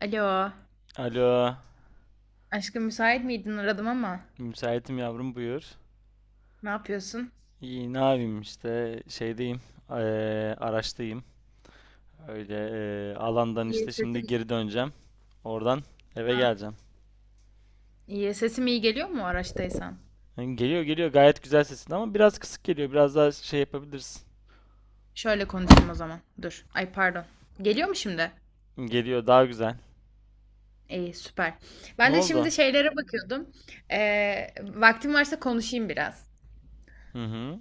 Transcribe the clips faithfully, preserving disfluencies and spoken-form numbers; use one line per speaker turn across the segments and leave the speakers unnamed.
Alo.
Alo,
Aşkım müsait miydin? Aradım ama.
müsaitim yavrum, buyur.
Ne yapıyorsun?
İyi ne yapayım işte şeydeyim, eee, araçtayım. Öyle, eee, alandan
İyi
işte şimdi
sesim.
geri döneceğim. Oradan eve geleceğim.
İyi. Sesim iyi geliyor mu araçtaysan?
Yani geliyor geliyor, gayet güzel sesin ama biraz kısık geliyor. Biraz daha şey yapabilirsin.
Şöyle konuşayım o zaman. Dur. Ay pardon. Geliyor mu şimdi?
Geliyor daha güzel.
İyi süper.
Ne
Ben de
oldu?
şimdi şeylere bakıyordum. Ee, vaktim varsa konuşayım biraz.
Hı hı.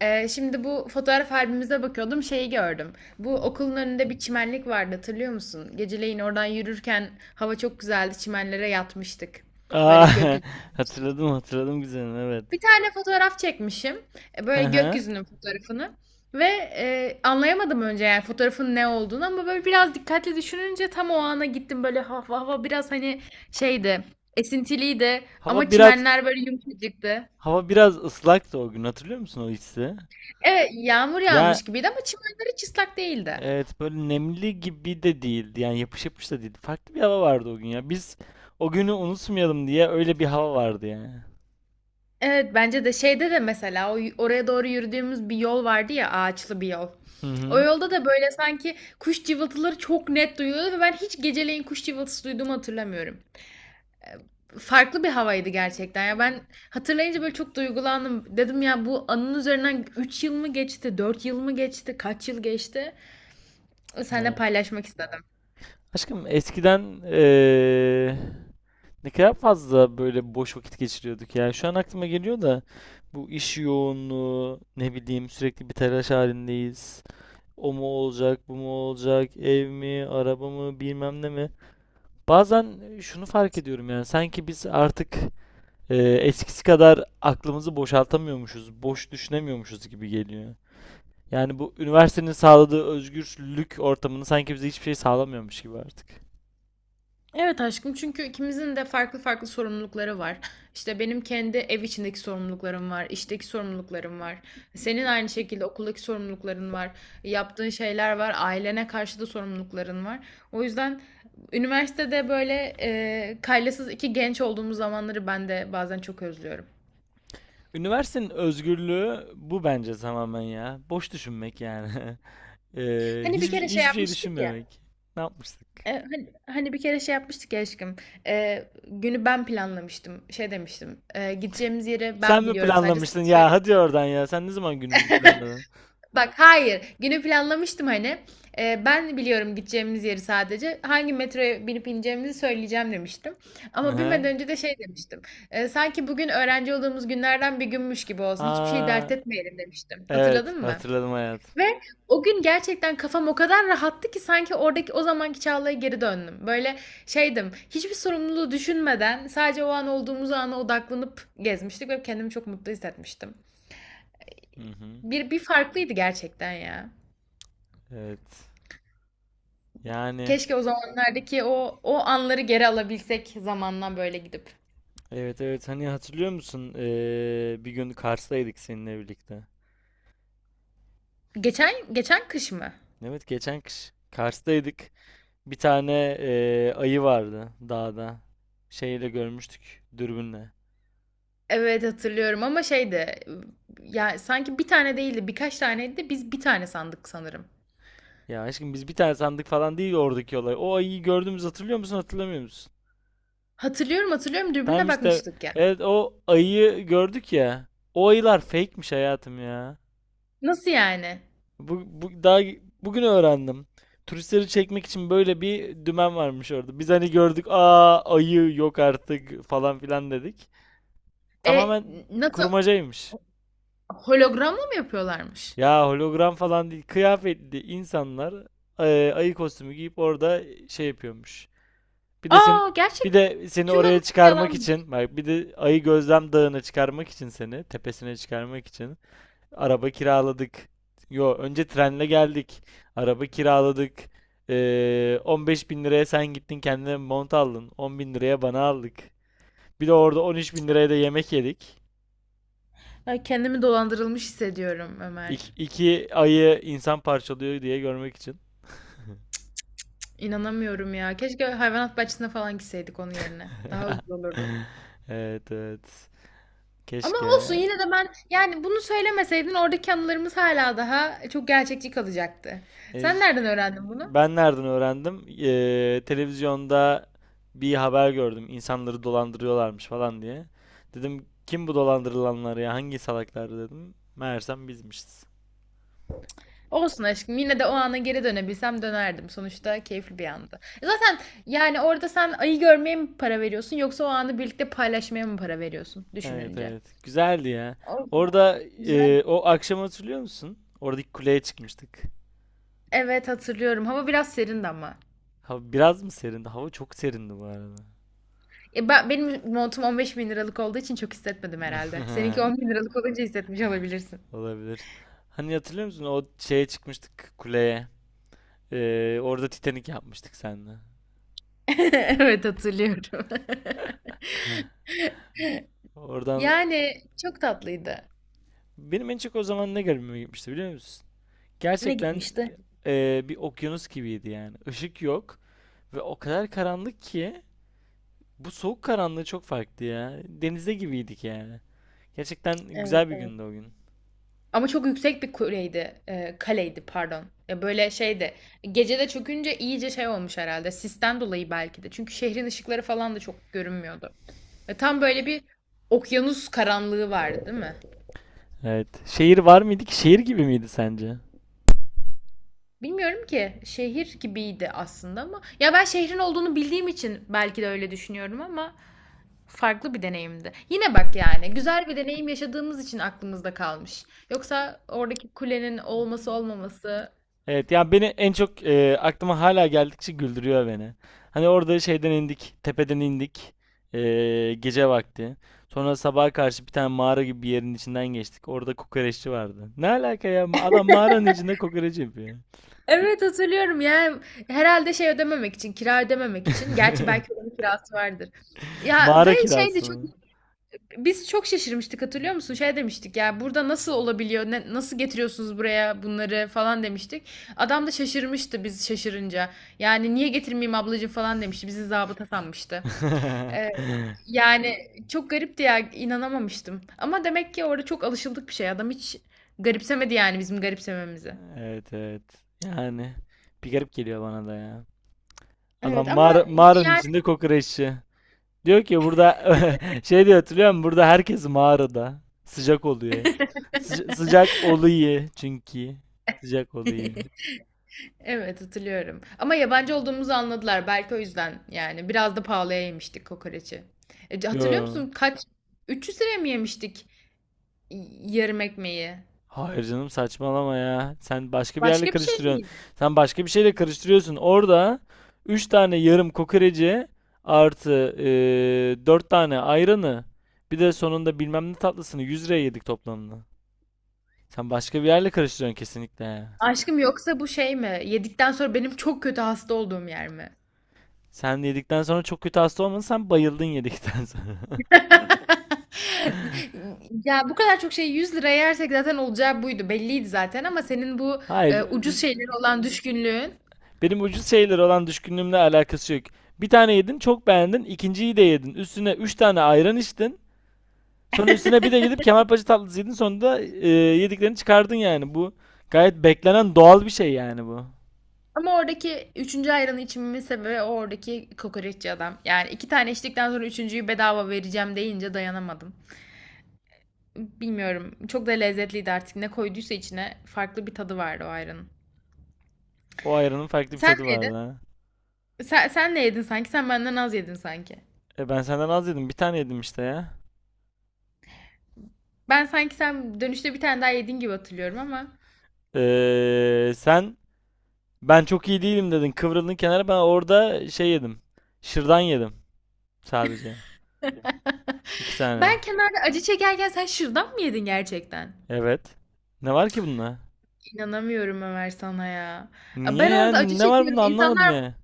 Ee, şimdi bu fotoğraf albümümüze bakıyordum. Şeyi gördüm. Bu okulun önünde bir çimenlik vardı hatırlıyor musun? Geceleyin oradan yürürken hava çok güzeldi. Çimenlere yatmıştık. Böyle
Aa,
gökyüzü.
hatırladım hatırladım güzelim, evet.
Bir tane fotoğraf çekmişim. E,
Hı
böyle
hı.
gökyüzünün fotoğrafını ve, eee, anlayamadım önce yani fotoğrafın ne olduğunu ama böyle biraz dikkatli düşününce tam o ana gittim. Böyle hava hava biraz, hani, şeydi, esintiliydi
Hava
ama
biraz
çimenler böyle yumuşacıktı.
hava biraz ıslaktı o gün, hatırlıyor musun o hissi?
Evet, yağmur
Ya,
yağmış gibiydi ama çimenler hiç ıslak değildi.
evet, böyle nemli gibi de değildi. Yani yapış yapış da değildi. Farklı bir hava vardı o gün ya. Biz o günü unutmayalım diye öyle bir hava vardı yani.
Evet, bence de şeyde de mesela o y oraya doğru yürüdüğümüz bir yol vardı ya, ağaçlı bir yol.
Hı
O
hı.
yolda da böyle sanki kuş cıvıltıları çok net duyuluyordu ve ben hiç geceleyin kuş cıvıltısı duyduğumu hatırlamıyorum. Farklı bir havaydı gerçekten. Ya ben hatırlayınca böyle çok duygulandım. Dedim ya bu anın üzerinden üç yıl mı geçti, dört yıl mı geçti, kaç yıl geçti? Seninle
Evet.
paylaşmak istedim.
Aşkım eskiden, eee, ne kadar fazla böyle boş vakit geçiriyorduk ya. Şu an aklıma geliyor da, bu iş yoğunluğu, ne bileyim, sürekli bir telaş halindeyiz. O mu olacak, bu mu olacak, ev mi, araba mı, bilmem ne mi. Bazen şunu fark ediyorum, yani sanki biz artık, e, eskisi kadar aklımızı boşaltamıyormuşuz, boş düşünemiyormuşuz gibi geliyor. Yani bu üniversitenin sağladığı özgürlük ortamını sanki bize hiçbir şey sağlamıyormuş gibi artık.
Evet aşkım çünkü ikimizin de farklı farklı sorumlulukları var. İşte benim kendi ev içindeki sorumluluklarım var, işteki sorumluluklarım var. Senin aynı şekilde okuldaki sorumlulukların var, yaptığın şeyler var, ailene karşı da sorumlulukların var. O yüzden üniversitede böyle e, kaylasız iki genç olduğumuz zamanları ben de bazen çok özlüyorum.
Üniversitenin özgürlüğü bu bence, tamamen ya. Boş düşünmek yani. Ee,
Hani bir
hiçbir,
kere şey
hiçbir şey
yapmıştık ya.
düşünmemek. Ne yapmıştık?
e, hani, hani bir kere şey yapmıştık ya aşkım. E, günü ben planlamıştım. Şey demiştim. E, gideceğimiz yeri
Sen
ben
mi
biliyorum sadece sana
planlamıştın ya?
söyle.
Hadi oradan ya. Sen ne zaman günümüzü planladın?
Bak hayır. Günü planlamıştım hani. E, ben biliyorum gideceğimiz yeri sadece. Hangi metroya binip ineceğimizi söyleyeceğim demiştim.
Hı
Ama
hı.
binmeden önce de şey demiştim. E, sanki bugün öğrenci olduğumuz günlerden bir günmüş gibi olsun. Hiçbir şey
Aa,
dert etmeyelim demiştim.
evet.
Hatırladın mı?
Hatırladım hayat.
Ve o gün gerçekten kafam o kadar rahattı ki sanki oradaki o zamanki Çağla'ya geri döndüm. Böyle şeydim, hiçbir sorumluluğu düşünmeden sadece o an olduğumuz ana odaklanıp gezmiştik ve kendimi çok mutlu hissetmiştim.
Hı hı.
Bir, bir farklıydı gerçekten ya.
Evet. Yani,
Keşke o zamanlardaki o o anları geri alabilsek zamandan böyle gidip.
evet evet, hani hatırlıyor musun? Ee, bir gün Kars'taydık seninle birlikte.
Geçen geçen kış mı?
Evet, geçen kış Kars'taydık. Bir tane ee, ayı vardı dağda. Şeyle görmüştük, dürbünle.
Evet hatırlıyorum ama şeydi ya sanki bir tane değildi birkaç taneydi de biz bir tane sandık sanırım.
Ya aşkım, biz bir tane sandık falan değil oradaki olay. O ayıyı gördüğümüz, hatırlıyor musun hatırlamıyor musun?
Hatırlıyorum hatırlıyorum
Tamam
dürbünle
işte,
bakmıştık ya.
evet o ayıyı gördük ya. O ayılar fake'miş hayatım ya.
Nasıl yani?
Bu, bu daha bugün öğrendim. Turistleri çekmek için böyle bir dümen varmış orada. Biz hani gördük, aa ayı yok artık falan filan dedik.
E
Tamamen
nasıl,
kurmacaymış.
hologramla mı yapıyorlarmış?
Ya hologram falan değil, kıyafetli insanlar e, ayı kostümü giyip orada şey yapıyormuş. Bir de sen
Aa, gerçek
bir de seni
tüm
oraya
anılarım
çıkarmak
yalanmış.
için, bak bir de ayı gözlem dağına çıkarmak için seni, tepesine çıkarmak için araba kiraladık. Yo, önce trenle geldik. Araba kiraladık. Ee, on beş bin liraya sen gittin kendine mont aldın. on bin liraya bana aldık. Bir de orada on üç bin liraya da yemek yedik.
Ay, kendimi dolandırılmış hissediyorum
İki,
Ömer.
iki ayı insan parçalıyor diye görmek için.
İnanamıyorum ya. Keşke hayvanat bahçesine falan gitseydik onun yerine. Daha ucuz olurdu.
Evet evet.
Ama olsun
Keşke.
yine de ben yani bunu söylemeseydin oradaki anılarımız hala daha çok gerçekçi kalacaktı.
E,
Sen nereden öğrendin bunu?
Ben nereden öğrendim? Eee, televizyonda bir haber gördüm. İnsanları dolandırıyorlarmış falan diye. Dedim kim bu dolandırılanlar ya? Hangi salaklar dedim. Meğersem bizmişiz.
Olsun aşkım yine de o ana geri dönebilsem dönerdim. Sonuçta keyifli bir andı. E zaten yani orada sen ayı görmeye mi para veriyorsun yoksa o anı birlikte paylaşmaya mı para veriyorsun
Evet
düşününce?
evet. Güzeldi ya.
O
Orada,
yüzden güzel.
eee, o akşam hatırlıyor musun? Oradaki kuleye çıkmıştık.
Evet hatırlıyorum. Hava biraz serindi ama.
Hava biraz mı serindi? Hava çok serindi bu arada.
E, ben, benim montum on beş bin liralık olduğu için çok hissetmedim herhalde. Seninki on bin liralık olunca hissetmiş olabilirsin.
Olabilir. Hani hatırlıyor musun? O şeye çıkmıştık, kuleye. Eee, orada Titanik yapmıştık seninle.
Evet hatırlıyorum.
Oradan.
Yani çok tatlıydı.
Benim en çok o zaman ne garibime gitmişti biliyor musun?
Ne
Gerçekten
gitmişti?
e, bir okyanus gibiydi yani. Işık yok ve o kadar karanlık ki bu soğuk karanlığı çok farklı ya. Denizde gibiydik yani. Gerçekten güzel
Evet.
bir gündü o gün.
Ama çok yüksek bir kuleydi. E, kaleydi pardon. Ya böyle şeydi. Gecede çökünce iyice şey olmuş herhalde. Sisten dolayı belki de. Çünkü şehrin ışıkları falan da çok görünmüyordu. Ve tam böyle bir okyanus karanlığı vardı, değil mi?
Evet. Şehir var mıydı ki? Şehir gibi miydi sence?
Bilmiyorum ki. Şehir gibiydi aslında ama ya ben şehrin olduğunu bildiğim için belki de öyle düşünüyorum ama farklı bir deneyimdi. Yine bak yani güzel bir deneyim yaşadığımız için aklımızda kalmış. Yoksa oradaki kulenin olması olmaması
Evet ya, beni en çok e, aklıma hala geldikçe güldürüyor beni. Hani orada şeyden indik, tepeden indik. e, gece vakti. Sonra sabaha karşı bir tane mağara gibi bir yerin içinden geçtik. Orada kokoreççi vardı. Ne alaka ya? Adam mağaranın içinde kokoreç yapıyor.
evet hatırlıyorum yani herhalde şey ödememek için, kira ödememek için. Gerçi belki oranın kirası vardır. Ya ve
Mağara
şeydi
kirası
çok,
mı?
biz çok şaşırmıştık hatırlıyor musun? Şey demiştik ya burada nasıl olabiliyor? Ne, nasıl getiriyorsunuz buraya bunları falan demiştik. Adam da şaşırmıştı biz şaşırınca. Yani niye getirmeyeyim ablacığım falan demişti. Bizi zabıta sanmıştı. Ee, Yani çok garipti ya inanamamıştım. Ama demek ki orada çok alışıldık bir şey. Adam hiç garipsemedi yani bizim garipsememizi.
Evet evet. Yani bir garip geliyor bana da ya. Adam
Evet ama
mağara, mağaranın
yani
içinde kokoreççi. Diyor ki burada, şey diyor, hatırlıyor musun? Burada herkes mağarada. Sıcak oluyor. Sıca- sıcak oluyor çünkü. Sıcak oluyor.
evet hatırlıyorum. Ama yabancı olduğumuzu anladılar. Belki o yüzden yani. Biraz da pahalıya yemiştik kokoreçi. E, c- hatırlıyor
Yo.
musun? Kaç? üç yüz liraya mı yemiştik y- yarım ekmeği?
Hayır canım, saçmalama ya. Sen başka bir yerle
Başka bir şey
karıştırıyorsun.
miydi?
Sen başka bir şeyle karıştırıyorsun. Orada üç tane yarım kokoreci, artı eee dört tane ayranı, bir de sonunda bilmem ne tatlısını yüz liraya yedik toplamda. Sen başka bir yerle karıştırıyorsun kesinlikle.
Aşkım yoksa bu şey mi? Yedikten sonra benim çok kötü hasta olduğum yer mi?
Sen yedikten sonra çok kötü hasta olmadın. Sen bayıldın yedikten sonra.
Ya bu kadar çok şey yüz liraya yersek zaten olacağı buydu. Belliydi zaten ama senin bu e,
Hayır.
ucuz şeylere olan düşkünlüğün.
Benim ucuz şeylere olan düşkünlüğümle alakası yok. Bir tane yedin, çok beğendin. İkinciyi de yedin. Üstüne üç tane ayran içtin. Sonra üstüne bir de gidip kemalpaşa tatlısı yedin. sonunda e, yediklerini çıkardın yani. Bu gayet beklenen doğal bir şey yani bu.
Ama oradaki üçüncü ayranı içmemin sebebi o oradaki kokoreççi adam. Yani iki tane içtikten sonra üçüncüyü bedava vereceğim deyince dayanamadım. Bilmiyorum. Çok da lezzetliydi artık. Ne koyduysa içine farklı bir tadı vardı o ayranın.
O ayranın farklı bir
Sen
tadı
ne
vardı
yedin?
ha.
Sen, sen ne yedin sanki? Sen benden az yedin sanki.
E, ben senden az yedim. Bir tane yedim işte ya.
Ben sanki sen dönüşte bir tane daha yedin gibi hatırlıyorum ama.
Eee, sen ben çok iyi değilim dedin. Kıvrıldın kenara. Ben orada şey yedim. Şırdan yedim sadece. İki tane.
Ben kenarda acı çekerken sen şırdan mı yedin gerçekten?
Evet. Ne var ki bunda?
İnanamıyorum Ömer sana ya.
Niye
Ben
ya?
orada acı
Ne var
çekiyorum.
bunda, anlamadım
İnsanlar,
ya.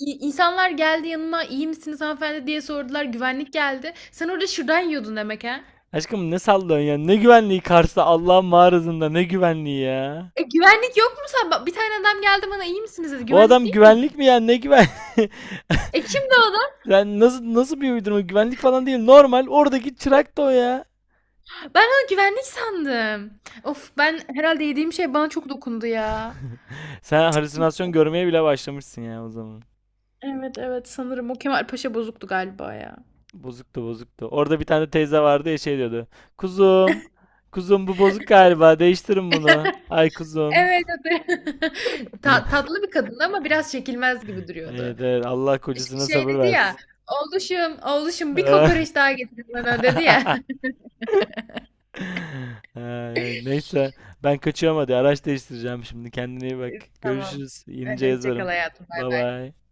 İ- İnsanlar geldi yanıma, iyi misiniz hanımefendi?" diye sordular. Güvenlik geldi. Sen orada şırdan yiyordun demek ha?
Aşkım, ne sallıyorsun ya? Ne güvenliği, Kars'ta Allah'ın mağarasında ne güvenliği ya?
E, güvenlik yok mu sen? Ba bir tane adam geldi bana, iyi misiniz?" dedi.
O
Güvenlik
adam
değil miydi o?
güvenlik mi ya? Ne güven?
E, kimdi o adam?
Sen nasıl, nasıl bir uydurma? Güvenlik falan değil. Normal oradaki çırak da o ya.
Ben onu güvenlik sandım. Of, ben herhalde yediğim şey bana çok dokundu ya.
Sen halüsinasyon görmeye bile başlamışsın ya o zaman.
Evet, evet, sanırım o Kemal Paşa bozuktu galiba ya.
Bozuktu bozuktu. Orada bir tane teyze vardı ya, şey diyordu. Kuzum, kuzum bu bozuk galiba. Değiştirin bunu. Ay kuzum.
Evet, evet. Ta tatlı bir kadındı ama biraz çekilmez gibi duruyordu.
Evet, evet. Allah
Ş
kocasına
Şey
sabır
dedi ya,
versin.
"Oğluşum, oğluşum bir kokoreç daha getirin bana." dedi ya.
Ay, neyse ben kaçıyorum, hadi araç değiştireceğim şimdi. Kendine iyi bak.
Tamam.
Görüşürüz. Yenice
Hadi hoşça kal
yazarım.
hayatım. Bay
Bye
bay.
bye.